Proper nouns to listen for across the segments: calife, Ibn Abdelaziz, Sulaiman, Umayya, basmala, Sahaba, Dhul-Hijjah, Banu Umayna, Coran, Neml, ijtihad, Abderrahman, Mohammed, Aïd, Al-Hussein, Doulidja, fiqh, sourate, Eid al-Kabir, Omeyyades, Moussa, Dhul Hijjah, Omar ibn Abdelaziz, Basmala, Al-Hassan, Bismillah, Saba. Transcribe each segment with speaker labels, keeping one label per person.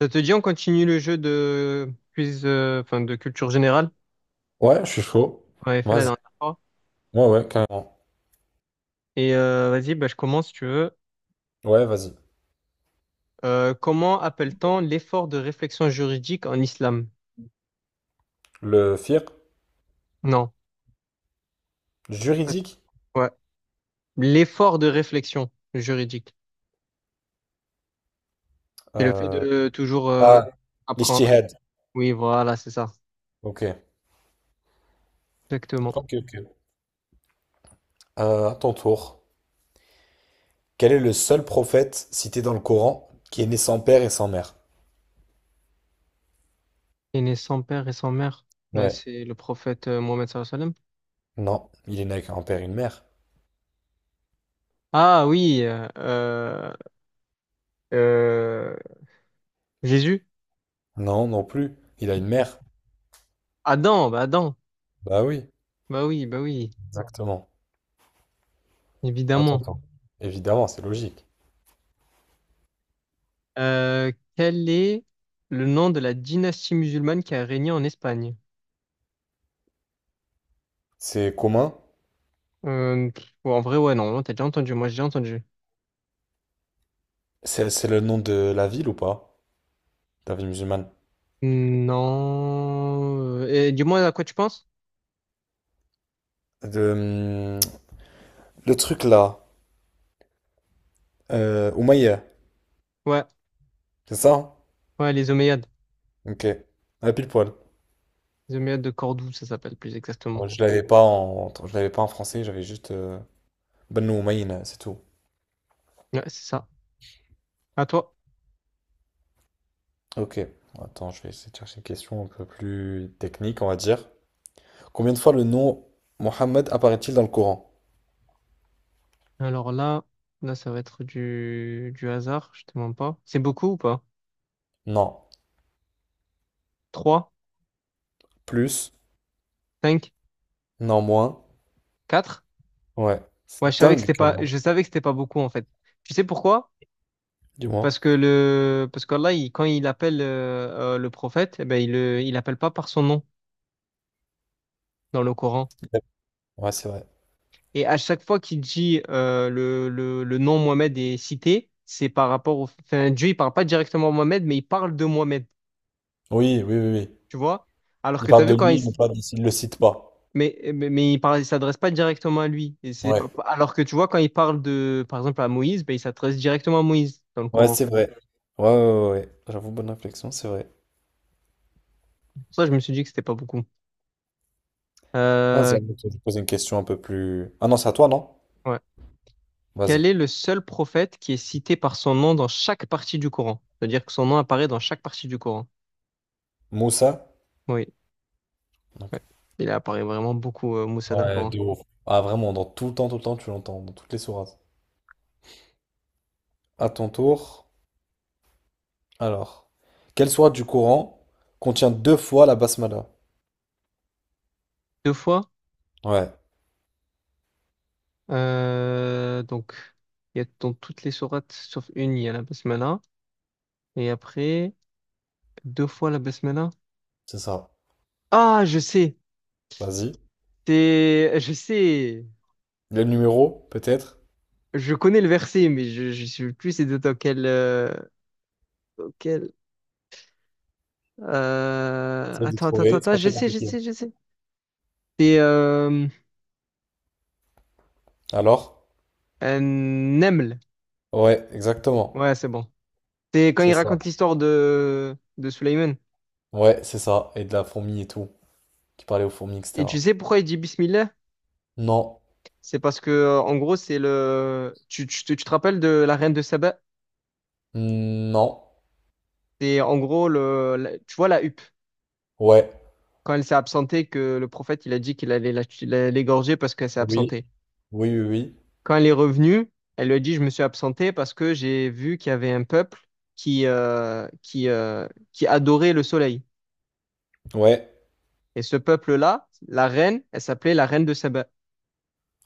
Speaker 1: Ça te dit, on continue le jeu de quiz, enfin de culture générale
Speaker 2: Ouais, je suis chaud.
Speaker 1: qu'on avait fait la
Speaker 2: Vas-y.
Speaker 1: dernière fois.
Speaker 2: Ouais, ouais, carrément.
Speaker 1: Et vas-y, bah, je commence si tu veux.
Speaker 2: Ouais, vas-y.
Speaker 1: Comment appelle-t-on l'effort de réflexion juridique en islam?
Speaker 2: Le fiqh
Speaker 1: Non. Ça, c'est-
Speaker 2: juridique.
Speaker 1: Ouais. L'effort de réflexion juridique. C'est le fait
Speaker 2: Euh...
Speaker 1: de toujours
Speaker 2: Ah,
Speaker 1: apprendre.
Speaker 2: l'ijtihad.
Speaker 1: Oui, voilà, c'est ça.
Speaker 2: Ok.
Speaker 1: Exactement.
Speaker 2: À ton tour. Quel est le seul prophète cité dans le Coran qui est né sans père et sans mère?
Speaker 1: Et né sans père et sans mère. Bah,
Speaker 2: Ouais.
Speaker 1: c'est le prophète Mohammed sallallahu alayhi wa sallam.
Speaker 2: Non, il est né avec un père et une mère.
Speaker 1: Ah oui, euh, Jésus.
Speaker 2: Non, non plus. Il a une mère.
Speaker 1: Adam.
Speaker 2: Bah oui,
Speaker 1: Bah oui,
Speaker 2: exactement. À ton
Speaker 1: évidemment.
Speaker 2: tour. Évidemment, c'est logique.
Speaker 1: Quel est le nom de la dynastie musulmane qui a régné en Espagne?
Speaker 2: C'est commun.
Speaker 1: Oh, en vrai, ouais, non, t'as déjà entendu, moi j'ai déjà entendu.
Speaker 2: C'est le nom de la ville ou pas? De la ville musulmane.
Speaker 1: Non. Et dis-moi à quoi tu penses?
Speaker 2: De, le truc là. Umayya.
Speaker 1: Ouais,
Speaker 2: C'est ça?
Speaker 1: ouais, les Omeyyades.
Speaker 2: Hein, ok. À pile poil.
Speaker 1: Les Omeyyades de Cordoue, ça s'appelle plus exactement.
Speaker 2: Bon, je l'avais pas en... je l'avais pas en français, j'avais juste Banu Umayna, c'est tout.
Speaker 1: Ouais, c'est ça. À toi.
Speaker 2: Ok. Attends, je vais essayer de chercher une question un peu plus technique, on va dire. Combien de fois le nom Mohammed apparaît-il dans le Coran?
Speaker 1: Alors là, ça va être du hasard, je te mens pas. C'est beaucoup ou pas?
Speaker 2: Non.
Speaker 1: Trois,
Speaker 2: Plus?
Speaker 1: cinq,
Speaker 2: Non, moins?
Speaker 1: quatre.
Speaker 2: Ouais. C'est
Speaker 1: Ouais, je savais que
Speaker 2: dingue,
Speaker 1: c'était
Speaker 2: quand
Speaker 1: pas,
Speaker 2: même.
Speaker 1: je savais que c'était pas beaucoup en fait. Tu sais pourquoi?
Speaker 2: Dis-moi.
Speaker 1: Parce qu'Allah, quand il appelle le prophète, eh ben, il appelle pas par son nom dans le Coran.
Speaker 2: Ouais, c'est vrai.
Speaker 1: Et à chaque fois qu'il dit le nom Mohamed est cité, c'est par rapport au. Enfin, Dieu, il parle pas directement à Mohamed, mais il parle de Mohamed.
Speaker 2: Oui, oui, oui, oui.
Speaker 1: Tu vois? Alors
Speaker 2: Il
Speaker 1: que tu as
Speaker 2: parle
Speaker 1: vu
Speaker 2: de
Speaker 1: quand il.
Speaker 2: lui, mais pas, de- il le cite pas.
Speaker 1: Mais il s'adresse pas directement à lui. Et c'est
Speaker 2: Ouais.
Speaker 1: pas- alors que tu vois, quand il parle de, par exemple, à Moïse, ben, il s'adresse directement à Moïse dans le
Speaker 2: Ouais,
Speaker 1: Coran.
Speaker 2: c'est vrai. Ouais, ouais, ouais, ouais. J'avoue, bonne réflexion, c'est vrai.
Speaker 1: Pour ça, je me suis dit que c'était pas beaucoup.
Speaker 2: Vas-y,
Speaker 1: Euh,
Speaker 2: à mon tour, je vais poser une question un peu plus. Ah non, c'est à toi, non?
Speaker 1: ouais. Quel
Speaker 2: Vas-y.
Speaker 1: est le seul prophète qui est cité par son nom dans chaque partie du Coran? C'est-à-dire que son nom apparaît dans chaque partie du Coran.
Speaker 2: Moussa?
Speaker 1: Oui,
Speaker 2: Ok.
Speaker 1: ouais. Il apparaît vraiment beaucoup, Moussa, dans le
Speaker 2: Ouais,
Speaker 1: Coran.
Speaker 2: de ouf. Ah, vraiment, dans tout le temps, tu l'entends, dans toutes les sourates. À ton tour. Alors. Quelle sourate du Coran contient deux fois la basmala?
Speaker 1: Deux fois.
Speaker 2: Ouais,
Speaker 1: Donc, il y a dans toutes les sourates, sauf une, il y a la basmala. Et après, deux fois la basmala.
Speaker 2: c'est ça.
Speaker 1: Ah, je sais.
Speaker 2: Vas-y.
Speaker 1: Je sais.
Speaker 2: Le numéro, peut-être?
Speaker 1: Je connais le verset, mais je ne sais plus c'est dans quel.
Speaker 2: Essaye de
Speaker 1: Attends, attends, attends,
Speaker 2: trouver, c'est
Speaker 1: attends,
Speaker 2: pas
Speaker 1: je
Speaker 2: très
Speaker 1: sais, je
Speaker 2: compliqué, hein.
Speaker 1: sais, je sais. C'est
Speaker 2: Alors?
Speaker 1: Neml.
Speaker 2: Ouais, exactement.
Speaker 1: Ouais, c'est bon. C'est quand
Speaker 2: C'est
Speaker 1: il
Speaker 2: ça.
Speaker 1: raconte l'histoire de Sulaiman.
Speaker 2: Ouais, c'est ça. Et de la fourmi et tout. Qui parlait aux fourmis,
Speaker 1: Et tu
Speaker 2: etc.
Speaker 1: sais pourquoi il dit Bismillah?
Speaker 2: Non.
Speaker 1: C'est parce que, en gros, c'est le. Tu te rappelles de la reine de Saba?
Speaker 2: Non.
Speaker 1: C'est en gros, tu vois la huppe.
Speaker 2: Ouais.
Speaker 1: Quand elle s'est absentée, que le prophète, il a dit qu'il allait l'égorger parce qu'elle s'est
Speaker 2: Oui.
Speaker 1: absentée.
Speaker 2: Oui, oui, oui.
Speaker 1: Quand elle est revenue, elle lui a dit, Je me suis absentée parce que j'ai vu qu'il y avait un peuple qui adorait le soleil.
Speaker 2: Ouais.
Speaker 1: Et ce peuple-là, la reine, elle s'appelait la reine de Saba.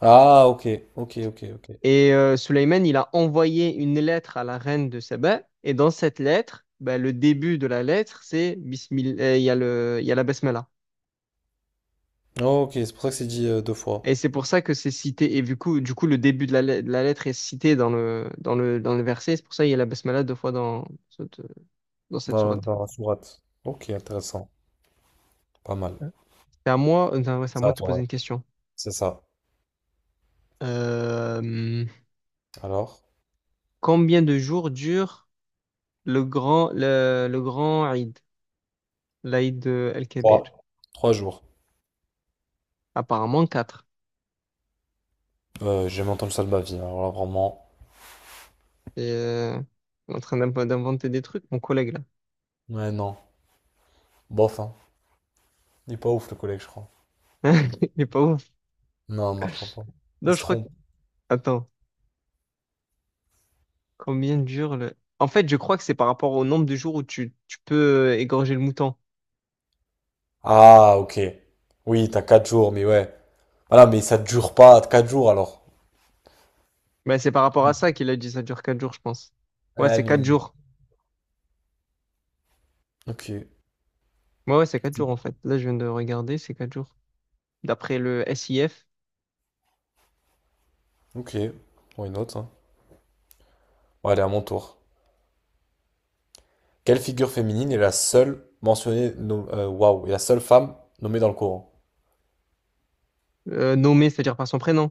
Speaker 2: Ah, ok, ok, ok, ok.
Speaker 1: Et Sulayman, il a envoyé une lettre à la reine de Saba. Et dans cette lettre, ben, le début de la lettre, c'est Bismillah, il y a la Basmala.
Speaker 2: Oh, ok, c'est pour ça que c'est dit deux fois
Speaker 1: Et c'est pour ça que c'est cité. Et du coup, le début de de la lettre est cité dans le verset. C'est pour ça qu'il y a la Basmala deux fois dans cette
Speaker 2: dans,
Speaker 1: sourate.
Speaker 2: dans la sourate. Ok, intéressant. Pas mal.
Speaker 1: C'est à moi, non, ouais, c'est à moi
Speaker 2: Ça,
Speaker 1: de te
Speaker 2: toi,
Speaker 1: poser
Speaker 2: ouais.
Speaker 1: une question.
Speaker 2: C'est ça.
Speaker 1: Euh,
Speaker 2: Alors,
Speaker 1: Combien de jours dure le grand Eid, l'Eid El-Kabir?
Speaker 2: trois. Trois jours.
Speaker 1: Apparemment quatre.
Speaker 2: J'ai jamais entendu ça de ma vie, hein. Alors là, vraiment.
Speaker 1: Et on est en train d'inventer des trucs, mon collègue
Speaker 2: Ouais, non. Bof, hein. Il est pas ouf, le collègue, je crois.
Speaker 1: là. Il est pas ouf.
Speaker 2: Non, non, je crois pas. Il
Speaker 1: Non,
Speaker 2: se
Speaker 1: je crois que...
Speaker 2: trompe.
Speaker 1: Attends, combien dure le... En fait, je crois que c'est par rapport au nombre de jours où tu peux égorger le mouton.
Speaker 2: Ah, ok. Oui, t'as quatre jours, mais ouais. Voilà, mais ça dure pas quatre jours, alors.
Speaker 1: Mais c'est par rapport à ça qu'il a dit ça dure 4 jours, je pense. Ouais,
Speaker 2: Ah,
Speaker 1: c'est 4
Speaker 2: mais...
Speaker 1: jours.
Speaker 2: Ok.
Speaker 1: Ouais, ouais, c'est 4 jours en fait. Là, je viens de regarder, c'est 4 jours. D'après le SIF.
Speaker 2: Ok. Why not, hein. Bon, allez, à mon tour. Quelle figure féminine est la seule mentionnée, est la seule femme nommée dans le Coran?
Speaker 1: Nommé, c'est-à-dire par son prénom,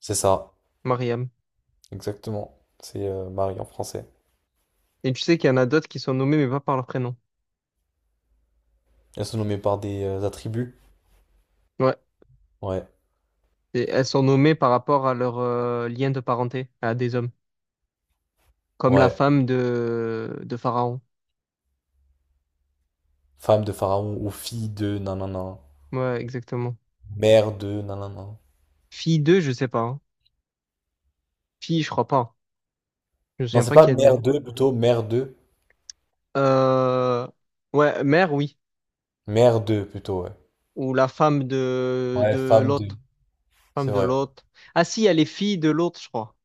Speaker 2: C'est ça,
Speaker 1: Mariam.
Speaker 2: exactement. C'est Marie en français.
Speaker 1: Et tu sais qu'il y en a d'autres qui sont nommées mais pas par leur prénom.
Speaker 2: Elles sont nommées par des attributs.
Speaker 1: Ouais.
Speaker 2: Ouais,
Speaker 1: Et elles sont nommées par rapport à leur lien de parenté à des hommes. Comme la
Speaker 2: ouais.
Speaker 1: femme de Pharaon.
Speaker 2: Femme de Pharaon ou fille de nanana.
Speaker 1: Ouais, exactement.
Speaker 2: Mère de nanana.
Speaker 1: Fille deux, je sais pas, hein. Fille, je crois pas. Je me
Speaker 2: Non,
Speaker 1: souviens
Speaker 2: c'est
Speaker 1: pas qu'il
Speaker 2: pas
Speaker 1: y a
Speaker 2: mère
Speaker 1: deux.
Speaker 2: de plutôt, mère de.
Speaker 1: Euh... Ouais, mère, oui.
Speaker 2: Mère de plutôt, ouais.
Speaker 1: Ou la femme de,
Speaker 2: Ouais,
Speaker 1: de
Speaker 2: femme de.
Speaker 1: l'autre. Femme
Speaker 2: C'est
Speaker 1: de
Speaker 2: vrai.
Speaker 1: l'autre. Ah si, il y a les filles de l'autre, je crois.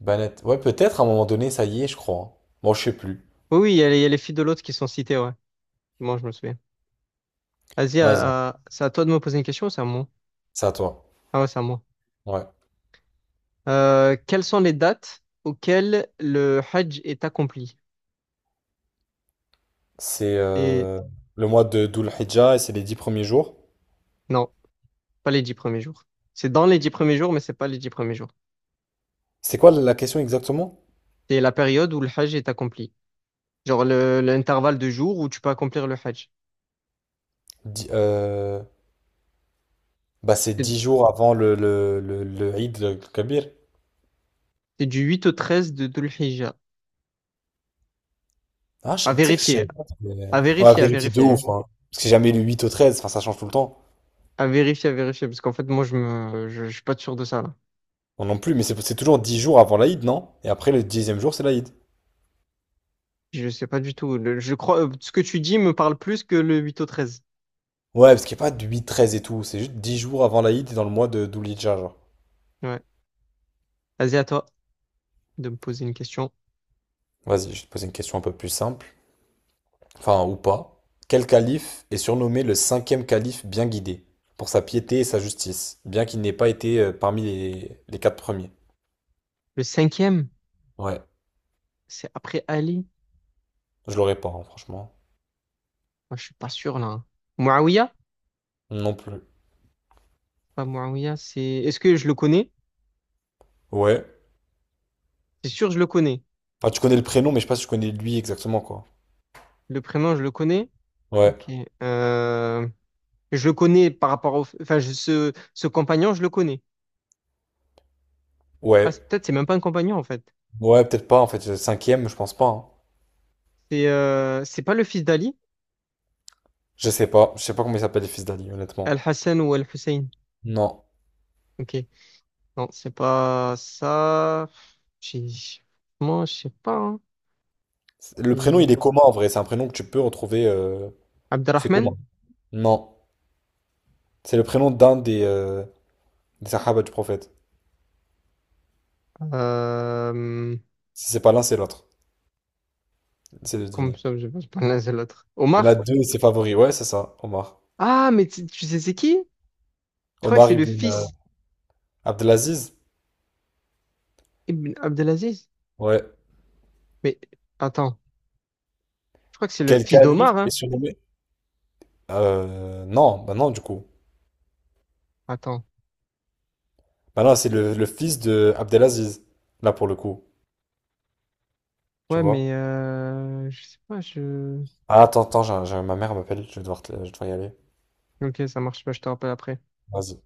Speaker 2: Banette. Ouais, peut-être à un moment donné, ça y est, je crois, hein. Bon, je sais plus.
Speaker 1: Oui, oui, il y a les filles de l'autre qui sont citées, ouais. Moi, je me souviens. Vas-y,
Speaker 2: Vas-y,
Speaker 1: c'est à toi de me poser une question ou c'est à moi?
Speaker 2: c'est à toi.
Speaker 1: Ah ouais, c'est à moi.
Speaker 2: Ouais.
Speaker 1: Quelles sont les dates auxquelles le Hajj est accompli?
Speaker 2: C'est
Speaker 1: Et
Speaker 2: le mois de Dhul-Hijjah et c'est les dix premiers jours.
Speaker 1: non, pas les 10 premiers jours. C'est dans les 10 premiers jours, mais c'est pas les 10 premiers jours.
Speaker 2: C'est quoi la la question exactement?
Speaker 1: C'est la période où le Hajj est accompli. Genre l'intervalle de jours où tu peux accomplir le Hajj.
Speaker 2: Di- euh, Bah c'est
Speaker 1: C'est
Speaker 2: 10 jours avant le Eid al-Kabir.
Speaker 1: c'est du 8 au 13 de Dhul Hijjah.
Speaker 2: Ah, je-
Speaker 1: À
Speaker 2: tu sais que je
Speaker 1: vérifier,
Speaker 2: sais pas, mais-
Speaker 1: à
Speaker 2: on va
Speaker 1: vérifier, à
Speaker 2: vérifier de
Speaker 1: vérifier,
Speaker 2: ouf,
Speaker 1: hein.
Speaker 2: hein. Parce que c'est jamais le 8 au 13, enfin ça change tout le temps.
Speaker 1: À vérifier, parce qu'en fait, moi, je suis pas sûr de ça, là.
Speaker 2: Non non plus, mais c'est toujours dix jours avant l'Aïd, non? Et après le dixième jour, c'est l'Aïd.
Speaker 1: Je sais pas du tout. Je crois, ce que tu dis me parle plus que le 8 au 13.
Speaker 2: Ouais, parce qu'il n'y a pas de 8 13 et tout, c'est juste 10 jours avant l'Aïd et dans le mois de Doulidja, genre.
Speaker 1: Ouais. Vas-y, à toi de me poser une question.
Speaker 2: Vas-y, je vais te poser une question un peu plus simple. Enfin ou pas, quel calife est surnommé le cinquième calife bien guidé, pour sa piété et sa justice, bien qu'il n'ait pas été parmi les quatre premiers.
Speaker 1: Le cinquième,
Speaker 2: Ouais,
Speaker 1: c'est après Ali.
Speaker 2: je l'aurais pas, hein, franchement.
Speaker 1: Moi, je suis pas sûr, là, hein. Muawiyah?
Speaker 2: Non plus.
Speaker 1: Pas Muawiyah, est-ce que je le connais?
Speaker 2: Ouais.
Speaker 1: C'est sûr, je le connais.
Speaker 2: Enfin, tu connais le prénom, mais je sais pas si tu connais lui exactement, quoi.
Speaker 1: Le prénom, je le connais.
Speaker 2: Ouais,
Speaker 1: Ok. Euh, Je le connais par rapport au... Enfin, ce compagnon, je le connais. Ah,
Speaker 2: ouais.
Speaker 1: peut-être c'est même pas un compagnon, en fait.
Speaker 2: Ouais, peut-être pas, en fait. Le cinquième, je pense pas, hein.
Speaker 1: C'est pas le fils d'Ali,
Speaker 2: Je sais pas. Je sais pas comment il s'appelle les fils d'Ali, honnêtement.
Speaker 1: Al-Hassan ou Al-Hussein.
Speaker 2: Non.
Speaker 1: Ok. Non, c'est pas ça. J'ai- Moi, je sais pas, hein.
Speaker 2: Le prénom, il
Speaker 1: Et-
Speaker 2: est commun, en vrai. C'est un prénom que tu peux retrouver... C'est commun.
Speaker 1: Abderrahman?
Speaker 2: Non. C'est le prénom d'un des Sahaba du prophète.
Speaker 1: Euh...
Speaker 2: Si c'est pas l'un, c'est l'autre. C'est de
Speaker 1: Comme
Speaker 2: deviner.
Speaker 1: ça, je prononce l'autre.
Speaker 2: Il y en a
Speaker 1: Omar?
Speaker 2: deux, c'est favori. Ouais, c'est ça, Omar.
Speaker 1: Ah, mais tu sais c'est qui? Je crois que
Speaker 2: Omar
Speaker 1: c'est le
Speaker 2: ibn
Speaker 1: fils
Speaker 2: Abdelaziz.
Speaker 1: Ibn Abdelaziz.
Speaker 2: Ouais.
Speaker 1: Mais attends, je crois que c'est le
Speaker 2: Quel
Speaker 1: fils
Speaker 2: calife
Speaker 1: d'Omar,
Speaker 2: est
Speaker 1: hein?
Speaker 2: surnommé? Non, bah non, du coup.
Speaker 1: Attends.
Speaker 2: Bah non, c'est le fils de Abdelaziz. Là, pour le coup. Tu
Speaker 1: Ouais, mais
Speaker 2: vois?
Speaker 1: je sais pas, je...
Speaker 2: Ah, attends, attends, ma mère m'appelle. Je vais devoir, te- je vais devoir y aller.
Speaker 1: Ok, ça marche. Bah, je te rappelle après.
Speaker 2: Vas-y.